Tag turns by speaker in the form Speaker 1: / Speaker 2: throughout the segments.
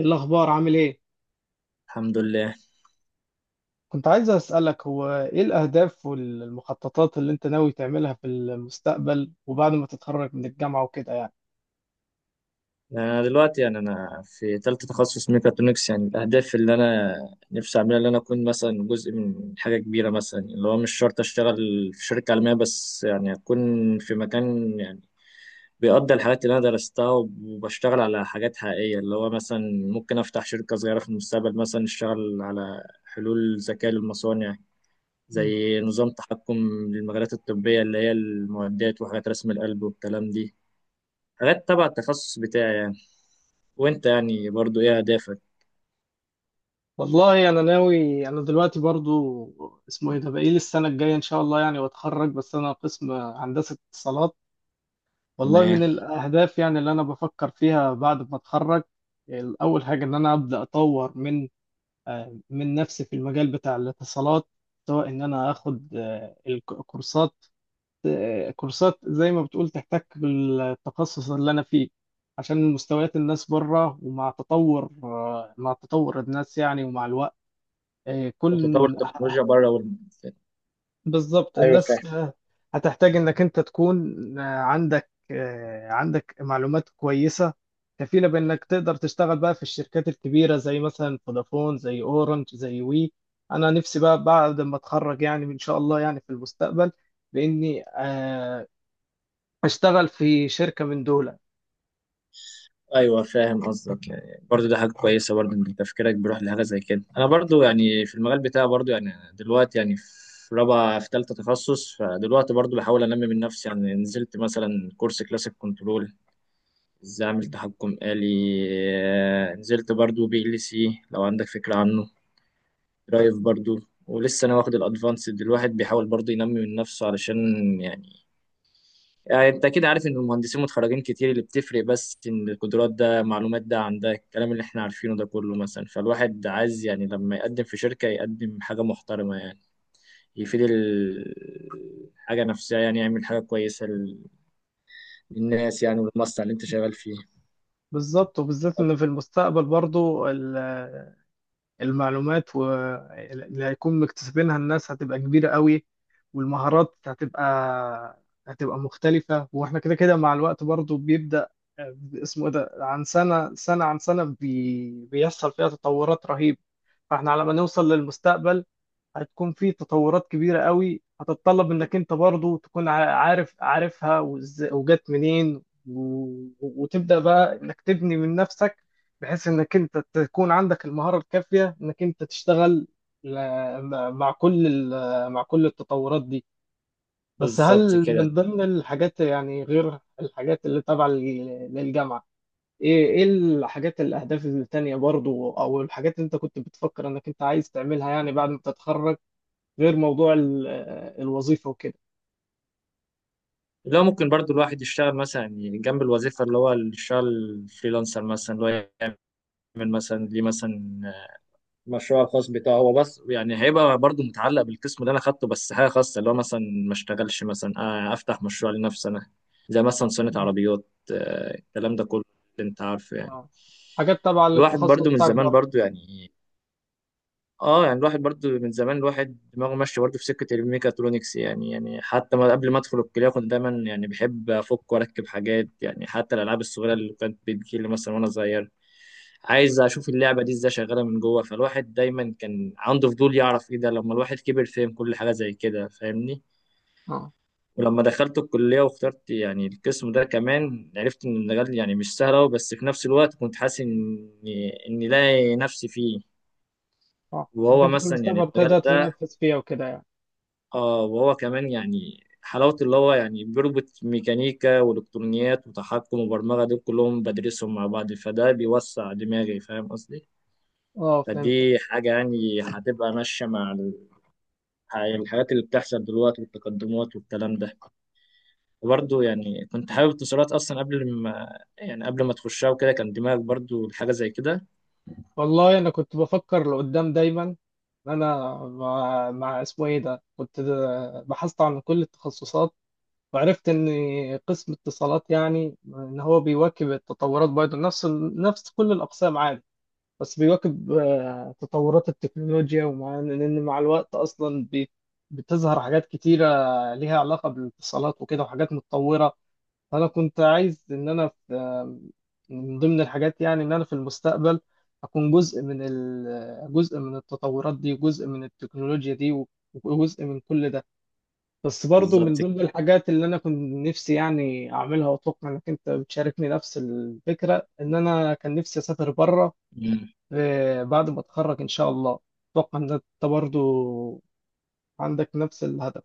Speaker 1: الأخبار عامل إيه؟
Speaker 2: الحمد لله.
Speaker 1: كنت عايز أسألك هو إيه الأهداف والمخططات اللي أنت ناوي تعملها في المستقبل وبعد ما تتخرج من الجامعة وكده يعني.
Speaker 2: انا دلوقتي يعني انا في ثالثه تخصص ميكاترونكس، يعني الاهداف اللي انا نفسي اعملها اللي انا اكون مثلا جزء من حاجه كبيره، مثلا اللي هو مش شرط اشتغل في شركه عالميه، بس يعني اكون في مكان يعني بيقضي الحاجات اللي انا درستها وبشتغل على حاجات حقيقيه، اللي هو مثلا ممكن افتح شركه صغيره في المستقبل، مثلا اشتغل على حلول ذكاء للمصانع
Speaker 1: مم.
Speaker 2: زي نظام تحكم للمجالات الطبيه اللي هي المعدات وحاجات رسم القلب والكلام دي، حاجات تبع التخصص بتاعي يعني. وانت يعني برضو ايه اهدافك؟
Speaker 1: والله أنا ناوي، أنا دلوقتي برضو اسمه إيه ده بقيل السنة الجاية إن شاء الله يعني وأتخرج، بس أنا قسم هندسة اتصالات. والله
Speaker 2: تمام.
Speaker 1: من الأهداف يعني اللي أنا بفكر فيها بعد ما أتخرج، أول حاجة إن أنا أبدأ أطور من من نفسي في المجال بتاع الاتصالات، سواء إن أنا آخد الكورسات، كورسات زي ما بتقول تحتك بالتخصص اللي انا فيه، عشان مستويات الناس بره ومع تطور مع تطور الناس يعني ومع الوقت. آه، كل
Speaker 2: وتطور التكنولوجيا بره والمنافسات.
Speaker 1: بالظبط
Speaker 2: ايوه فاهم.
Speaker 1: الناس، هتحتاج انك انت تكون عندك معلومات كويسة كفيلة بانك تقدر تشتغل بقى في الشركات الكبيرة زي مثلا فودافون، زي اورنج، زي وي. انا نفسي بقى بعد ما اتخرج يعني ان شاء الله يعني في المستقبل، باني اشتغل في شركة من دول.
Speaker 2: ايوه فاهم قصدك، يعني برضو ده حاجه كويسه برضو ان تفكيرك بيروح لحاجه زي كده. انا برضو يعني في المجال بتاعي برضو، يعني دلوقتي يعني في رابعه في ثالثه تخصص، فدلوقتي برضو بحاول انمي من نفسي، يعني نزلت مثلا كورس كلاسيك كنترول، ازاي اعمل تحكم آلي. نزلت برضو بي ال سي لو عندك فكره عنه، درايف برضو، ولسه انا واخد الادفانسد. الواحد بيحاول برضو ينمي من نفسه علشان يعني يعني انت كده عارف ان المهندسين متخرجين كتير، اللي بتفرق بس ان القدرات ده معلومات ده عن ده الكلام اللي احنا عارفينه ده كله. مثلا فالواحد عايز يعني لما يقدم في شركة يقدم حاجة محترمة، يعني يفيد الحاجة نفسها، يعني يعمل حاجة كويسة للناس يعني، والمصنع اللي انت شغال فيه.
Speaker 1: بالظبط، وبالذات ان في المستقبل برضو المعلومات اللي هيكون مكتسبينها الناس هتبقى كبيرة قوي، والمهارات هتبقى مختلفة، واحنا كده كده مع الوقت برضو بيبدأ اسمه إيه ده، عن سنة عن سنة، بيحصل فيها تطورات رهيبة. فاحنا على ما نوصل للمستقبل هتكون في تطورات كبيرة قوي، هتتطلب انك انت برضو تكون عارفها وجت منين، وتبدأ بقى انك تبني من نفسك، بحيث انك انت تكون عندك المهارة الكافية انك انت تشتغل مع مع كل التطورات دي. بس
Speaker 2: بالظبط
Speaker 1: هل
Speaker 2: كده.
Speaker 1: من ضمن الحاجات، يعني غير الحاجات اللي تابعة للجامعة، ايه الحاجات، الاهداف التانية برضو او الحاجات اللي انت كنت بتفكر انك انت عايز تعملها يعني بعد ما تتخرج، غير موضوع الوظيفة وكده؟
Speaker 2: لو ممكن برضو الواحد يشتغل مثلا يعني جنب الوظيفة، اللي هو الشغل فريلانسر مثلا، اللي هو يعمل مثلا ليه مثلا مشروع الخاص بتاعه هو، بس يعني هيبقى برضو متعلق بالقسم اللي انا خدته، بس حاجه خاصه اللي هو مثلا ما اشتغلش مثلا، افتح مشروع لنفسي انا، زي مثلا صيانه
Speaker 1: مم.
Speaker 2: عربيات. الكلام ده كله انت عارفه يعني.
Speaker 1: اه، حاجات تبع
Speaker 2: الواحد
Speaker 1: للتخصص
Speaker 2: برضو من
Speaker 1: بتاعك
Speaker 2: زمان
Speaker 1: برضه.
Speaker 2: برضو يعني، اه يعني الواحد برضو من زمان الواحد دماغه ماشيه برضو في سكه الميكاترونكس. يعني حتى ما قبل ما ادخل الكليه كنت دايما يعني بحب افك واركب حاجات، يعني حتى الالعاب الصغيره اللي كانت بتجيلي مثلا وانا صغير، عايز اشوف اللعبه دي ازاي شغاله من جوه. فالواحد دايما كان عنده فضول يعرف ايه ده، لما الواحد كبر فهم كل حاجه زي كده. فاهمني؟
Speaker 1: اه.
Speaker 2: ولما دخلت الكليه واخترت يعني القسم ده، كمان عرفت ان المجال يعني مش سهل أوي، بس في نفس الوقت كنت حاسس اني لاقي نفسي فيه.
Speaker 1: اه، انك
Speaker 2: وهو
Speaker 1: انت في
Speaker 2: مثلا يعني
Speaker 1: المستقبل تقدر
Speaker 2: المجال ده،
Speaker 1: تنفذ فيها وكده يعني.
Speaker 2: اه وهو كمان يعني حلاوة اللي هو يعني بيربط ميكانيكا والكترونيات وتحكم وبرمجة، دول كلهم بدرسهم مع بعض، فده بيوسع دماغي. فاهم قصدي؟
Speaker 1: اه، فهمتك.
Speaker 2: فدي حاجة يعني هتبقى ماشية مع الحاجات اللي بتحصل دلوقتي والتقدمات والكلام ده. وبرضه يعني كنت حابب اتصالات أصلا قبل ما يعني قبل ما تخشها وكده، كان دماغك برضه حاجة زي كده؟
Speaker 1: والله انا كنت بفكر لقدام دايما، إن انا مع اسمه ايه ده، كنت بحثت عن كل التخصصات، وعرفت ان قسم اتصالات يعني ان هو بيواكب التطورات برضه، نفس نفس كل الاقسام عادي، بس بيواكب تطورات التكنولوجيا، ومع ان إن مع الوقت اصلا بتظهر حاجات كتيرة ليها علاقة بالاتصالات وكده، وحاجات متطورة. فانا كنت عايز ان انا في من ضمن الحاجات يعني، ان انا في المستقبل اكون جزء من جزء من التطورات دي، وجزء من التكنولوجيا دي، وجزء من كل ده، بس برضو
Speaker 2: بالظبط
Speaker 1: من
Speaker 2: كده.
Speaker 1: ضمن الحاجات اللي انا كنت نفسي يعني اعملها، واتوقع انك انت بتشاركني نفس الفكرة، ان انا كان نفسي اسافر بره
Speaker 2: مم.
Speaker 1: بعد ما اتخرج ان شاء الله. اتوقع ان انت برضو عندك نفس الهدف.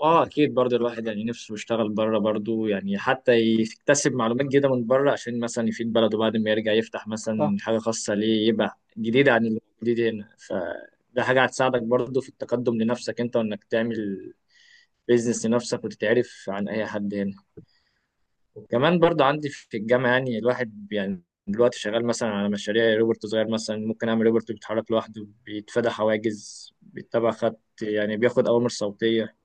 Speaker 2: اه اكيد، برضه الواحد يعني نفسه يشتغل بره برضه، يعني حتى يكتسب معلومات جديده من بره، عشان مثلا يفيد بلده بعد ما يرجع، يفتح
Speaker 1: صح.
Speaker 2: مثلا حاجه خاصه ليه يبقى جديده عن اللي موجود هنا. فده حاجه هتساعدك برضه في التقدم لنفسك انت، وانك تعمل بيزنس لنفسك وتتعرف عن اي حد هنا. وكمان برضو عندي في الجامعه، يعني الواحد يعني دلوقتي شغال مثلا على مشاريع روبوت صغير، مثلا ممكن اعمل روبوت بيتحرك لوحده، بيتفادى حواجز، بيتبع خط، يعني بياخد اوامر صوتيه.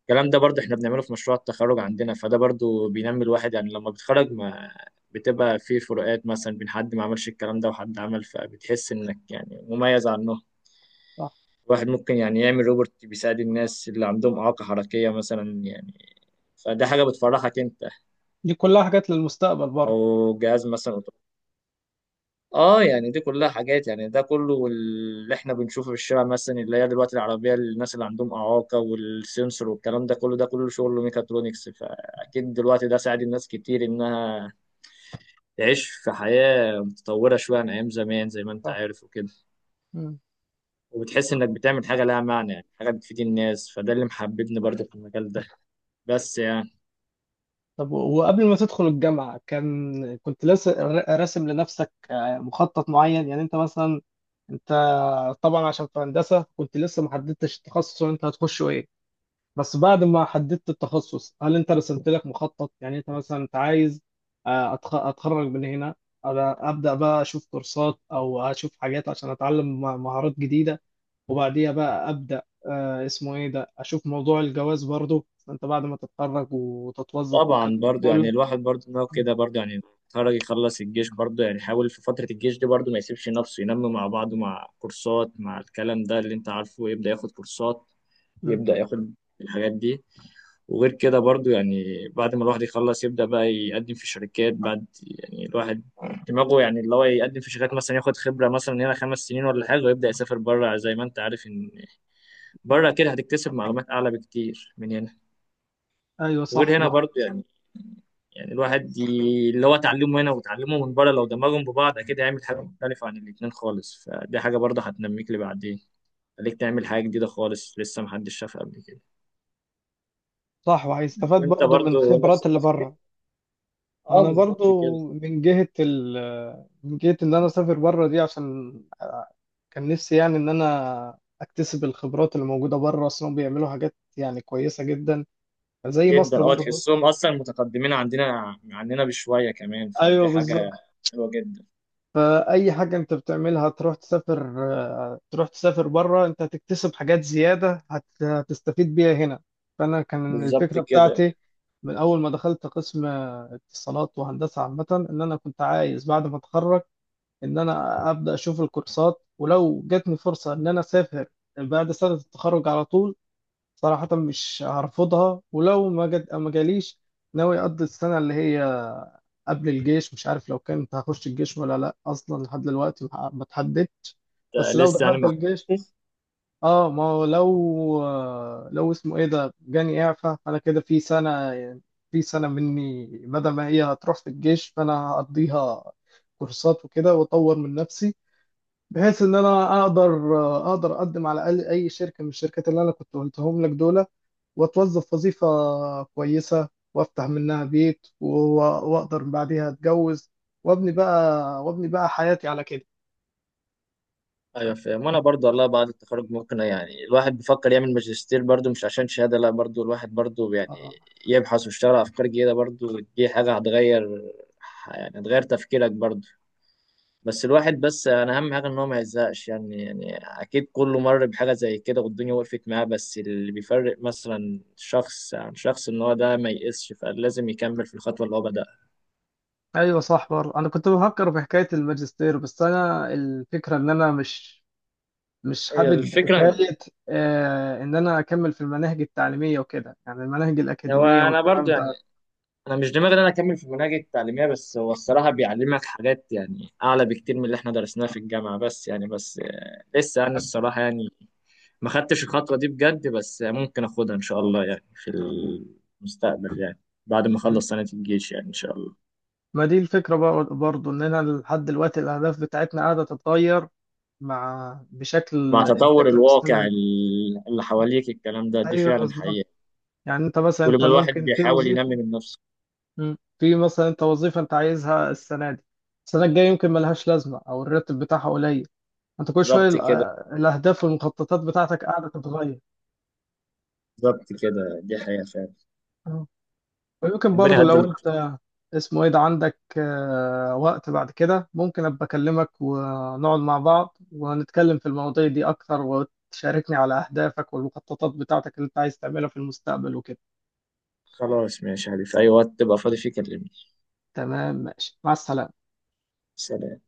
Speaker 2: الكلام ده برضو احنا بنعمله في مشروع التخرج عندنا، فده برضو بينمي الواحد. يعني لما بتخرج ما بتبقى في فروقات مثلا بين حد ما عملش الكلام ده وحد عمل، فبتحس انك يعني مميز عنه.
Speaker 1: صح،
Speaker 2: الواحد ممكن يعني يعمل روبوت بيساعد الناس اللي عندهم إعاقة حركية مثلا، يعني فده حاجة بتفرحك انت.
Speaker 1: دي كلها حاجات للمستقبل
Speaker 2: او
Speaker 1: برضو.
Speaker 2: جهاز مثلا اه يعني دي كلها حاجات، يعني ده كله اللي احنا بنشوفه في الشارع مثلا، اللي هي دلوقتي العربيه الناس اللي عندهم اعاقه والسنسور والكلام ده كله، ده كله شغل ميكاترونكس. فاكيد دلوقتي ده ساعد الناس كتير انها تعيش في حياه متطوره شويه عن ايام زمان، زي ما انت
Speaker 1: صح.
Speaker 2: عارف وكده.
Speaker 1: مم.
Speaker 2: وبتحس انك بتعمل حاجه لها معنى، يعني حاجه بتفيد الناس، فده اللي محببني برضه في المجال ده، بس يعني.
Speaker 1: طب، وقبل ما تدخل الجامعة كان كنت لسه راسم لنفسك مخطط معين، يعني انت مثلا انت طبعا عشان في هندسة كنت لسه ما حددتش التخصص اللي انت هتخشه ايه، بس بعد ما حددت التخصص هل انت رسمت لك مخطط، يعني انت مثلا انت عايز اتخرج من هنا، أنا ابدا بقى اشوف كورسات او اشوف حاجات عشان اتعلم مهارات جديده، وبعديها بقى ابدا اسمه ايه ده اشوف موضوع الجواز برضو انت بعد ما تتخرج وتتوظف
Speaker 2: طبعا
Speaker 1: والكلام ده
Speaker 2: برضه، يعني
Speaker 1: كله؟
Speaker 2: الواحد برضه ان هو
Speaker 1: م-
Speaker 2: كده برضه، يعني خرج يخلص الجيش برضه، يعني حاول في فترة الجيش دي برضه ما يسيبش نفسه، ينمي مع بعضه مع كورسات مع الكلام ده اللي انت عارفه، يبدأ ياخد كورسات،
Speaker 1: م.
Speaker 2: ويبدأ ياخد الحاجات دي. وغير كده برضه يعني بعد ما الواحد يخلص، يبدأ بقى يقدم في شركات بعد، يعني الواحد دماغه يعني اللي هو يقدم في شركات، مثلا ياخد خبرة مثلا هنا 5 سنين ولا حاجة، ويبدأ يسافر بره. زي ما انت عارف ان بره كده هتكتسب معلومات أعلى بكتير من هنا.
Speaker 1: ايوه،
Speaker 2: وغير
Speaker 1: صح
Speaker 2: هنا
Speaker 1: بقى.
Speaker 2: برضه يعني الواحد اللي هو اتعلمه هنا وتعلمه من بره لو دمجهم ببعض، اكيد هيعمل حاجه مختلفه عن الاتنين خالص. فدي حاجه برضه هتنميك لبعدين، خليك تعمل حاجه جديده خالص لسه محدش شافها قبل كده.
Speaker 1: صح، وهيستفاد
Speaker 2: وانت
Speaker 1: برضو من
Speaker 2: برضه نفس
Speaker 1: خبرات اللي
Speaker 2: التفكير؟
Speaker 1: بره.
Speaker 2: اه
Speaker 1: انا
Speaker 2: بالظبط كده.
Speaker 1: برضو من جهة من جهة ان انا اسافر بره دي، عشان كان نفسي يعني ان انا اكتسب الخبرات اللي موجودة بره، اصلا بيعملوا حاجات يعني كويسة جدا زي
Speaker 2: جدا،
Speaker 1: مصر
Speaker 2: اه
Speaker 1: برضو.
Speaker 2: تحسهم اصلا متقدمين عندنا عننا بشويه كمان، فدي
Speaker 1: ايوه،
Speaker 2: حاجه
Speaker 1: بالظبط.
Speaker 2: حلوه جدا.
Speaker 1: فاي حاجة انت بتعملها تروح تسافر بره انت هتكتسب حاجات زيادة هتستفيد بيها هنا. فانا كان
Speaker 2: بالظبط
Speaker 1: الفكرة
Speaker 2: كده.
Speaker 1: بتاعتي من اول ما دخلت قسم اتصالات وهندسة عامة، ان انا كنت عايز بعد ما اتخرج ان انا ابدا اشوف الكورسات، ولو جاتني فرصه ان انا اسافر بعد سنه التخرج على طول صراحه مش هرفضها، ولو ما جت ما جاليش ناوي اقضي السنه اللي هي قبل الجيش. مش عارف لو كنت هخش الجيش ولا لا، اصلا لحد دلوقتي ما اتحددتش. بس
Speaker 2: انت
Speaker 1: لو
Speaker 2: لسه يعني
Speaker 1: دخلت
Speaker 2: ما.
Speaker 1: الجيش، اه، ما هو لو اسمه ايه ده جاني اعفاء، انا كده في سنه، مني بدل ما هي هتروح في الجيش فانا هقضيها كورسات وكده، واطور من نفسي، بحيث ان انا اقدر اقدم على الاقل اي شركه من الشركات اللي انا كنت قلتهم لك دول، واتوظف وظيفه كويسه، وافتح منها بيت واقدر بعديها اتجوز، وابني بقى، حياتي على كده.
Speaker 2: ايوه فاهم. وانا برضو والله بعد التخرج ممكن يعني الواحد بيفكر يعمل ماجستير، برضو مش عشان شهاده لا، برضو الواحد برضو يعني
Speaker 1: آه.
Speaker 2: يبحث ويشتغل على افكار جديده برضو، دي حاجه هتغير، يعني هتغير تفكيرك برضو. بس الواحد، بس انا اهم حاجه ان هو ما يزهقش، يعني اكيد كله مر بحاجه زي كده والدنيا وقفت معاه، بس اللي بيفرق مثلا شخص عن شخص ان هو ده ما ييأسش، فلازم يكمل في الخطوه اللي هو بدأها.
Speaker 1: ايوه، صح برضه، انا كنت بفكر في حكايه الماجستير، بس انا الفكره ان انا مش
Speaker 2: هي
Speaker 1: حابب
Speaker 2: الفكره.
Speaker 1: حكايه، آه، ان انا اكمل في المناهج التعليميه وكده، يعني المناهج
Speaker 2: هو
Speaker 1: الاكاديميه
Speaker 2: انا
Speaker 1: والكلام
Speaker 2: برضو،
Speaker 1: ده.
Speaker 2: انا مش دماغي ان انا اكمل في المناهج التعليميه، بس هو الصراحه بيعلمك حاجات يعني اعلى بكتير من اللي احنا درسناها في الجامعه، بس يعني، بس لسه يعني الصراحه يعني ما خدتش الخطوه دي بجد، بس ممكن اخدها ان شاء الله، يعني في المستقبل، يعني بعد ما اخلص سنه الجيش، يعني ان شاء الله.
Speaker 1: ما دي الفكرة، برضو إننا لحد دلوقتي الأهداف بتاعتنا قاعدة تتغير مع بشكل
Speaker 2: مع تطور
Speaker 1: بشكل
Speaker 2: الواقع
Speaker 1: مستمر.
Speaker 2: اللي حواليك، الكلام ده دي
Speaker 1: أيوه،
Speaker 2: فعلا
Speaker 1: بالظبط،
Speaker 2: حقيقه،
Speaker 1: يعني أنت مثلا
Speaker 2: كل
Speaker 1: أنت
Speaker 2: ما الواحد
Speaker 1: ممكن في
Speaker 2: بيحاول ينمي
Speaker 1: وظيفة.
Speaker 2: من نفسه.
Speaker 1: مم. في مثلا أنت وظيفة أنت عايزها السنة دي، السنة الجاية يمكن ملهاش لازمة أو الراتب بتاعها قليل، أنت كل شوية
Speaker 2: بالظبط كده.
Speaker 1: الأهداف والمخططات بتاعتك قاعدة تتغير.
Speaker 2: بالظبط كده دي حقيقه فعلا.
Speaker 1: ويمكن
Speaker 2: ربنا
Speaker 1: برضو، لو
Speaker 2: يقدم.
Speaker 1: انت اسمه ايه ده عندك وقت بعد كده، ممكن ابقى اكلمك ونقعد مع بعض ونتكلم في المواضيع دي اكتر، وتشاركني على اهدافك والمخططات بتاعتك اللي انت عايز تعملها في المستقبل وكده.
Speaker 2: خلاص ماشي يا علي، في اي وقت تبقى فاضي فيه كلمني.
Speaker 1: تمام، ماشي، مع السلامة.
Speaker 2: سلام.